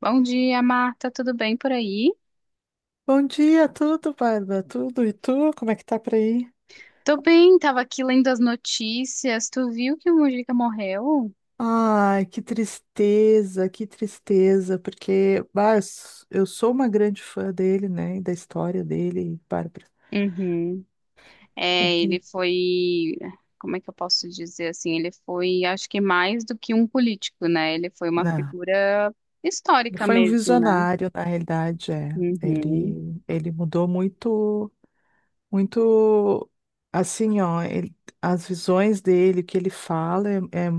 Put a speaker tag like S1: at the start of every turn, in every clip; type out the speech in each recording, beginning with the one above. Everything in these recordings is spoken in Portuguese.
S1: Bom dia, Marta. Tudo bem por aí?
S2: Bom dia, tudo, Bárbara? Tudo? E tu? Como é que tá por aí?
S1: Tô bem, tava aqui lendo as notícias. Tu viu que o Mujica morreu?
S2: Ai, que tristeza, porque bah, eu sou uma grande fã dele, né? E da história dele, Bárbara.
S1: Uhum. É,
S2: Ele,
S1: ele foi, como é que eu posso dizer assim? Ele foi, acho que mais do que um político, né? Ele foi uma
S2: não,
S1: figura
S2: ele
S1: histórica
S2: foi um
S1: mesmo, né?
S2: visionário, na realidade, é.
S1: Uhum.
S2: Ele mudou muito, muito, assim, ó, as visões dele, o que ele fala é,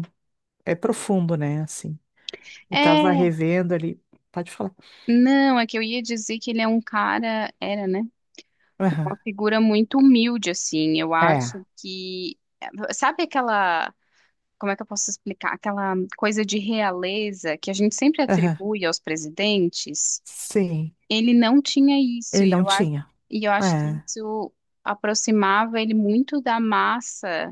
S2: é, é profundo, né? Assim, eu tava
S1: É,
S2: revendo ali, pode falar.
S1: não, é que eu ia dizer que ele é um cara, era, né? Uma
S2: Aham.
S1: figura muito humilde, assim. Eu
S2: É.
S1: acho que, sabe aquela como é que eu posso explicar? Aquela coisa de realeza que a gente sempre
S2: Aham.
S1: atribui aos presidentes,
S2: Sim,
S1: ele não tinha isso,
S2: ele
S1: e
S2: não
S1: eu, a-
S2: tinha.
S1: e eu acho que
S2: É,
S1: isso aproximava ele muito da massa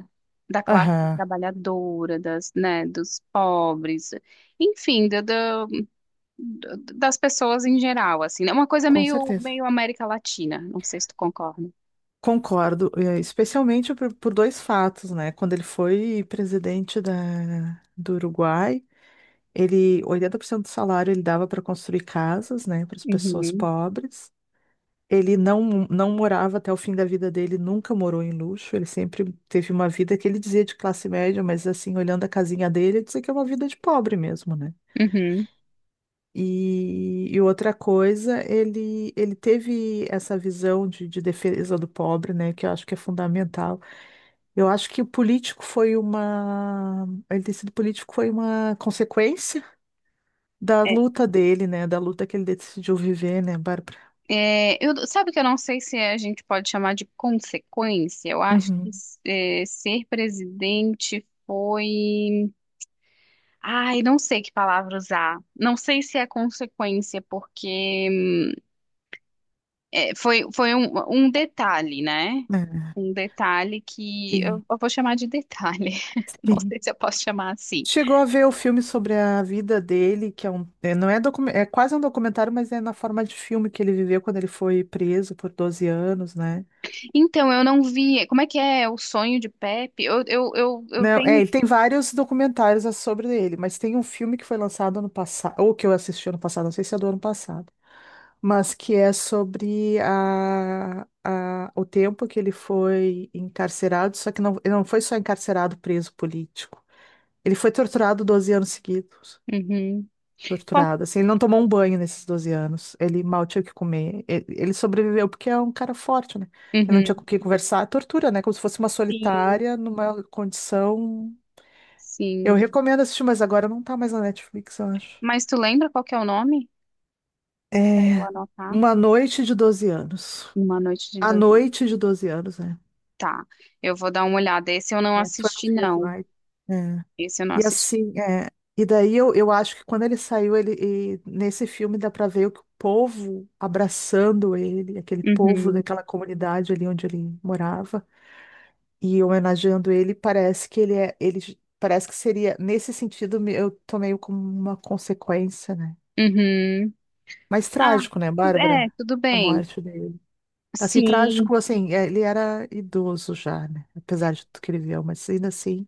S1: da classe
S2: aham,
S1: trabalhadora, das, né, dos pobres, enfim, das pessoas em geral, assim, né? Uma coisa
S2: com
S1: meio,
S2: certeza.
S1: América Latina, não sei se tu concorda.
S2: Concordo, é, especialmente por dois fatos, né? Quando ele foi presidente do Uruguai, ele, 80% do salário ele dava para construir casas, né, para as pessoas
S1: Uhum,
S2: pobres. Ele não morava até o fim da vida dele, nunca morou em luxo, ele sempre teve uma vida que ele dizia de classe média, mas assim, olhando a casinha dele, ele dizia que é uma vida de pobre mesmo, né?
S1: uhum.
S2: E outra coisa, ele teve essa visão de defesa do pobre, né, que eu acho que é fundamental. Eu acho que o político foi uma. Ele ter sido político foi uma consequência da luta dele, né, da luta que ele decidiu viver, né, Bárbara?
S1: É, eu, sabe que eu não sei se a gente pode chamar de consequência. Eu acho que
S2: Uhum.
S1: é, ser presidente foi. Ai, não sei que palavra usar. Não sei se é consequência, porque é, foi um detalhe, né?
S2: É,
S1: Um detalhe que
S2: sim,
S1: eu vou chamar de detalhe. Não
S2: sim.
S1: sei se eu posso chamar assim.
S2: Chegou a ver o filme sobre a vida dele, que é um, é, não é, é quase um documentário, mas é na forma de filme que ele viveu quando ele foi preso por 12 anos, né?
S1: Então, eu não vi. Como é que é o sonho de Pepe? Eu
S2: Não, é,
S1: tenho.
S2: ele tem vários documentários sobre ele, mas tem um filme que foi lançado ano passado, ou que eu assisti ano passado, não sei se é do ano passado, mas que é sobre a, o tempo que ele foi encarcerado, só que não, ele não foi só encarcerado preso político. Ele foi torturado 12 anos seguidos.
S1: Uhum. Qual-
S2: Torturado, assim, ele não tomou um banho nesses 12 anos, ele mal tinha o que comer. Ele sobreviveu porque é um cara forte, né? Ele não tinha com
S1: Uhum.
S2: quem conversar, tortura, né? Como se fosse uma
S1: Sim,
S2: solitária numa condição. Eu
S1: sim.
S2: recomendo assistir, mas agora não tá mais na Netflix, eu acho.
S1: Mas tu lembra qual que é o nome? Pra eu
S2: É
S1: anotar.
S2: Uma Noite de 12 Anos.
S1: Uma Noite de
S2: A
S1: Dezembro.
S2: Noite de 12 Anos, né?
S1: Tá, eu vou dar uma olhada. Esse eu não
S2: É, 12
S1: assisti,
S2: Years
S1: não.
S2: Night. É.
S1: Esse eu não
S2: E
S1: assisti.
S2: assim, é, e daí eu acho que quando ele saiu, e nesse filme dá pra ver o que o povo abraçando ele, aquele povo
S1: Uhum,
S2: daquela comunidade ali onde ele morava, e homenageando ele, parece que ele é, ele j- parece que seria, nesse sentido, eu tomei como uma consequência, né?
S1: uhum.
S2: Mas
S1: Ah,
S2: trágico, né,
S1: tudo, é,
S2: Bárbara?
S1: tudo
S2: A
S1: bem.
S2: morte dele. Assim,
S1: Sim,
S2: trágico, assim, é, ele era idoso já, né? Apesar de tudo que ele viveu, mas ainda assim,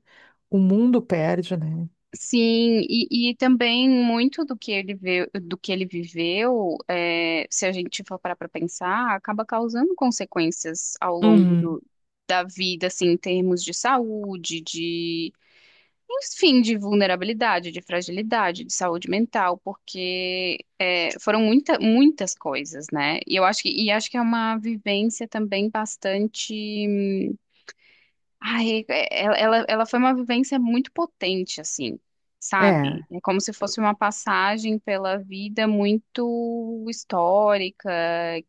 S2: o mundo perde, né?
S1: sim. E também muito do que ele vê, do que ele viveu, é, se a gente for parar para pensar, acaba causando consequências ao longo
S2: Uhum.
S1: do, da vida, assim, em termos de saúde, de Enfim, de vulnerabilidade, de fragilidade, de saúde mental, porque é, foram muitas coisas, né? E eu acho que, e acho que é uma vivência também bastante. Ai, ela foi uma vivência muito potente, assim, sabe?
S2: É,
S1: É como se fosse uma passagem pela vida muito histórica,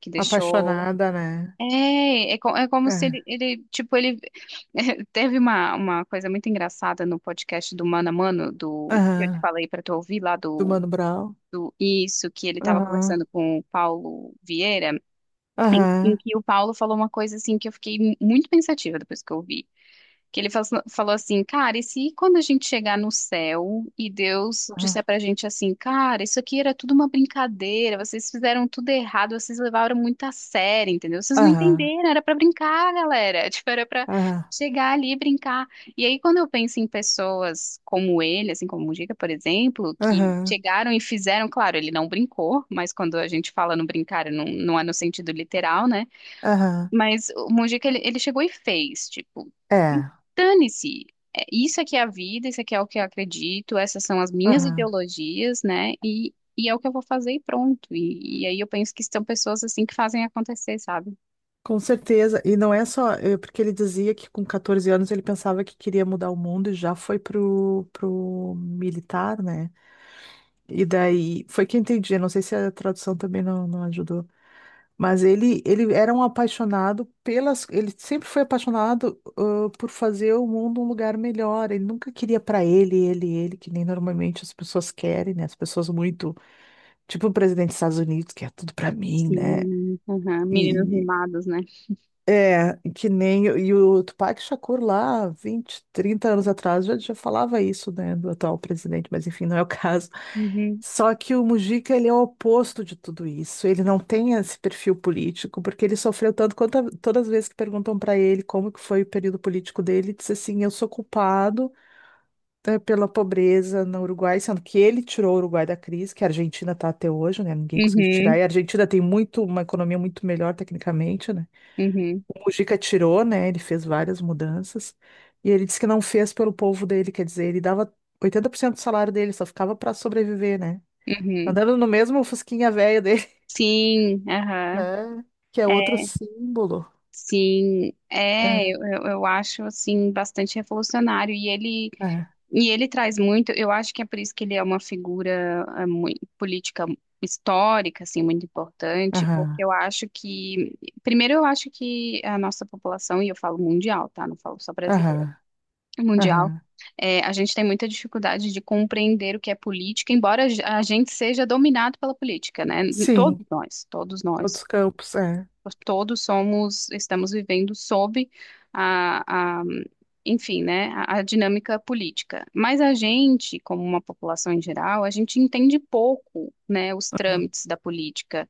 S1: que deixou
S2: apaixonada, né?
S1: é como se ele,
S2: É.
S1: ele, tipo, ele teve uma coisa muito engraçada no podcast do Mano a Mano, do que eu te
S2: Aham.
S1: falei para tu ouvir lá
S2: Do
S1: do,
S2: Mano Brown.
S1: do isso, que ele estava
S2: Aham.
S1: conversando com o Paulo Vieira, em
S2: Aham.
S1: que o Paulo falou uma coisa assim que eu fiquei muito pensativa depois que eu ouvi que ele falou assim, cara, e se quando a gente chegar no céu e Deus
S2: Aham.
S1: disser pra gente assim, cara, isso aqui era tudo uma brincadeira, vocês fizeram tudo errado, vocês levaram muito a sério, entendeu? Vocês não
S2: Aham.
S1: entenderam, era pra brincar, galera, tipo, era pra
S2: Aham.
S1: chegar ali e brincar. E aí quando eu penso em pessoas como ele, assim como o Mujica, por exemplo, que
S2: Aham.
S1: chegaram e fizeram, claro, ele não brincou, mas quando a gente fala no brincar, não, não é no sentido literal, né?
S2: Aham.
S1: Mas o Mujica, ele chegou e fez, tipo,
S2: É.
S1: dane-se. É, isso aqui é a vida, isso aqui é o que eu acredito, essas são as minhas
S2: Aham.
S1: ideologias, né? E é o que eu vou fazer e pronto. E aí eu penso que são pessoas assim que fazem acontecer, sabe?
S2: Com certeza, e não é só, porque ele dizia que com 14 anos ele pensava que queria mudar o mundo e já foi pro militar, né? E daí, foi que eu entendi, eu não sei se a tradução também não ajudou, mas ele era um apaixonado ele sempre foi apaixonado, por fazer o mundo um lugar melhor, ele nunca queria para ele, que nem normalmente as pessoas querem, né? As pessoas muito, tipo o presidente dos Estados Unidos, que é tudo para mim, né?
S1: Sim, aham, meninos
S2: E,
S1: mimados, né?
S2: é, que nem. E o Tupac Shakur lá, 20 30 anos atrás, já falava isso, né, do atual presidente, mas enfim, não é o caso.
S1: Uhum,
S2: Só que o Mujica, ele é o oposto de tudo isso. Ele não tem esse perfil político, porque ele sofreu tanto quanto todas as vezes que perguntam para ele como que foi o período político dele, ele disse assim: eu sou culpado, pela pobreza no Uruguai, sendo que ele tirou o Uruguai da crise, que a Argentina está até hoje, né? Ninguém conseguiu tirar.
S1: uhum,
S2: E a Argentina tem uma economia muito melhor tecnicamente, né?
S1: uhum,
S2: O Mujica tirou, né? Ele fez várias mudanças. E ele disse que não fez pelo povo dele, quer dizer, ele dava 80% do salário dele, só ficava para sobreviver, né?
S1: uhum.
S2: Andando no mesmo fusquinha velho dele,
S1: Sim, aham.
S2: né? Que é
S1: É,
S2: outro símbolo.
S1: sim, é,
S2: É,
S1: eu, eu acho assim bastante revolucionário. E ele
S2: é.
S1: Traz muito, eu acho que é por isso que ele é uma figura política histórica, assim, muito importante,
S2: Aham,
S1: porque eu acho que, primeiro eu acho que a nossa população, e eu falo mundial, tá? Não falo só brasileira,
S2: aham,
S1: mundial,
S2: aham.
S1: é, a gente tem muita dificuldade de compreender o que é política, embora a gente seja dominado pela política, né? Todos
S2: Sim,
S1: nós,
S2: outros campos, é.
S1: todos somos, estamos vivendo sob a, a, enfim, né, a dinâmica política. Mas a gente, como uma população em geral, a gente entende pouco, né, os
S2: Aham,
S1: trâmites da política.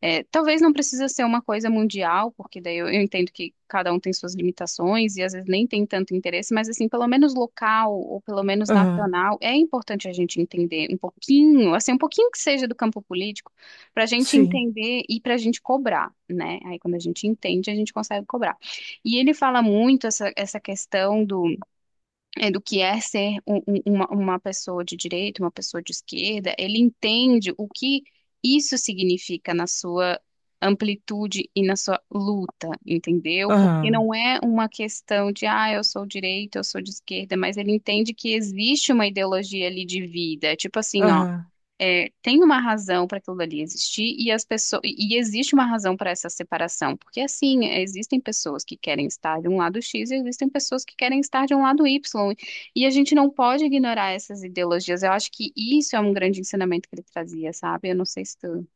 S1: É, talvez não precisa ser uma coisa mundial, porque daí eu entendo que cada um tem suas limitações e às vezes nem tem tanto interesse, mas assim, pelo menos local ou pelo menos
S2: aham,
S1: nacional, é importante a gente entender um pouquinho, assim, um pouquinho que seja do campo político, para a gente
S2: sim,
S1: entender e para a gente cobrar, né? Aí quando a gente entende, a gente consegue cobrar. E ele fala muito essa questão do é, do que é ser uma pessoa de direita, uma pessoa de esquerda, ele entende o que isso significa na sua amplitude e na sua luta, entendeu? Porque
S2: aham,
S1: não é uma questão de, ah, eu sou direita, eu sou de esquerda, mas ele entende que existe uma ideologia ali de vida, tipo assim, ó
S2: aham.
S1: é, tem uma razão para aquilo dali existir e as pessoas e existe uma razão para essa separação, porque assim, é, existem pessoas que querem estar de um lado X e existem pessoas que querem estar de um lado Y, e a gente não pode ignorar essas ideologias. Eu acho que isso é um grande ensinamento que ele trazia, sabe? Eu não sei se tu,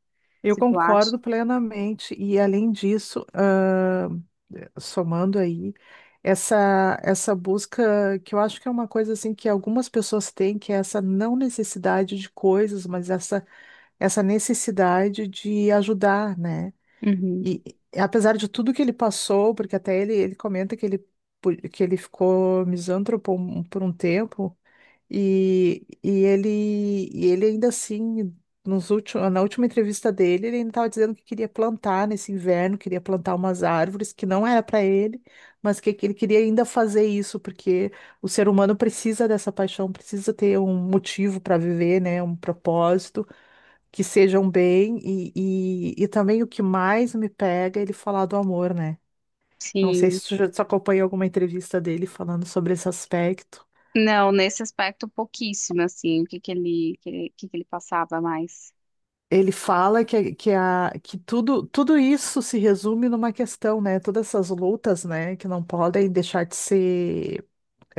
S2: Eu
S1: se tu acha.
S2: concordo plenamente. E além disso, ah, somando aí, essa busca que eu acho que é uma coisa assim que algumas pessoas têm, que é essa não necessidade de coisas, mas essa necessidade de ajudar, né?
S1: Uhum.
S2: E e apesar de tudo que ele passou, porque até ele comenta que ele ficou misântropo por um tempo. E, e ele, e ele ainda assim, na última entrevista dele, ele ainda estava dizendo que queria plantar nesse inverno, queria plantar umas árvores que não era para ele, mas que ele queria ainda fazer isso, porque o ser humano precisa dessa paixão, precisa ter um motivo para viver, né? Um propósito, que seja um bem. E também o que mais me pega é ele falar do amor, né? Não sei
S1: Sim.
S2: se tu acompanhou alguma entrevista dele falando sobre esse aspecto.
S1: Não, nesse aspecto pouquíssimo, assim, o que que ele, que ele, que ele passava mais.
S2: Ele fala que tudo, tudo isso se resume numa questão, né? Todas essas lutas, né, que não podem deixar de ser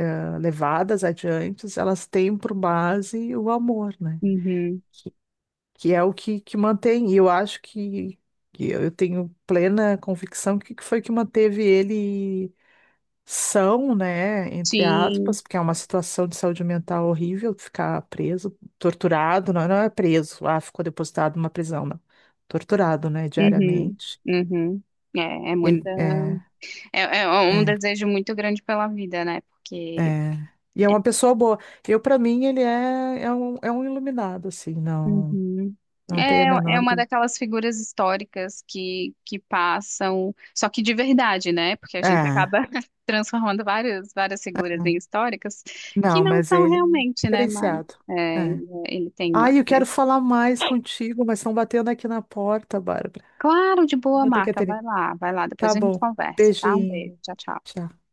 S2: levadas adiante, elas têm por base o amor, né?
S1: Uhum.
S2: Que é o que mantém. E eu acho que eu tenho plena convicção que foi que manteve ele são, né, entre
S1: Sim.
S2: aspas, porque é uma situação de saúde mental horrível ficar preso, torturado, não, não é preso, ficou depositado numa prisão, não. Torturado, né,
S1: Uhum.
S2: diariamente.
S1: Uhum. É, é muito.
S2: Ele
S1: É, é um
S2: é,
S1: desejo muito grande pela vida, né? Porque
S2: é. E é uma pessoa boa. Para mim, ele é um iluminado, assim, não,
S1: Uhum.
S2: não tem a
S1: é, é
S2: menor
S1: uma
S2: dúvida.
S1: daquelas figuras históricas que passam, só que de verdade, né? Porque a gente
S2: É,
S1: acaba transformando várias, várias figuras em históricas que
S2: não,
S1: não
S2: mas
S1: são
S2: ele é
S1: realmente, né? Mas
S2: diferenciado.
S1: é, é,
S2: É.
S1: ele tem uma.
S2: Ai, eu quero falar mais contigo, mas estão batendo aqui na porta, Bárbara.
S1: Claro, de boa,
S2: Vou ter que
S1: Marta. Vai
S2: atender.
S1: lá, vai lá.
S2: Tá
S1: Depois a gente
S2: bom.
S1: conversa, tá? Um beijo.
S2: Beijinho.
S1: Tchau, tchau.
S2: Tchau.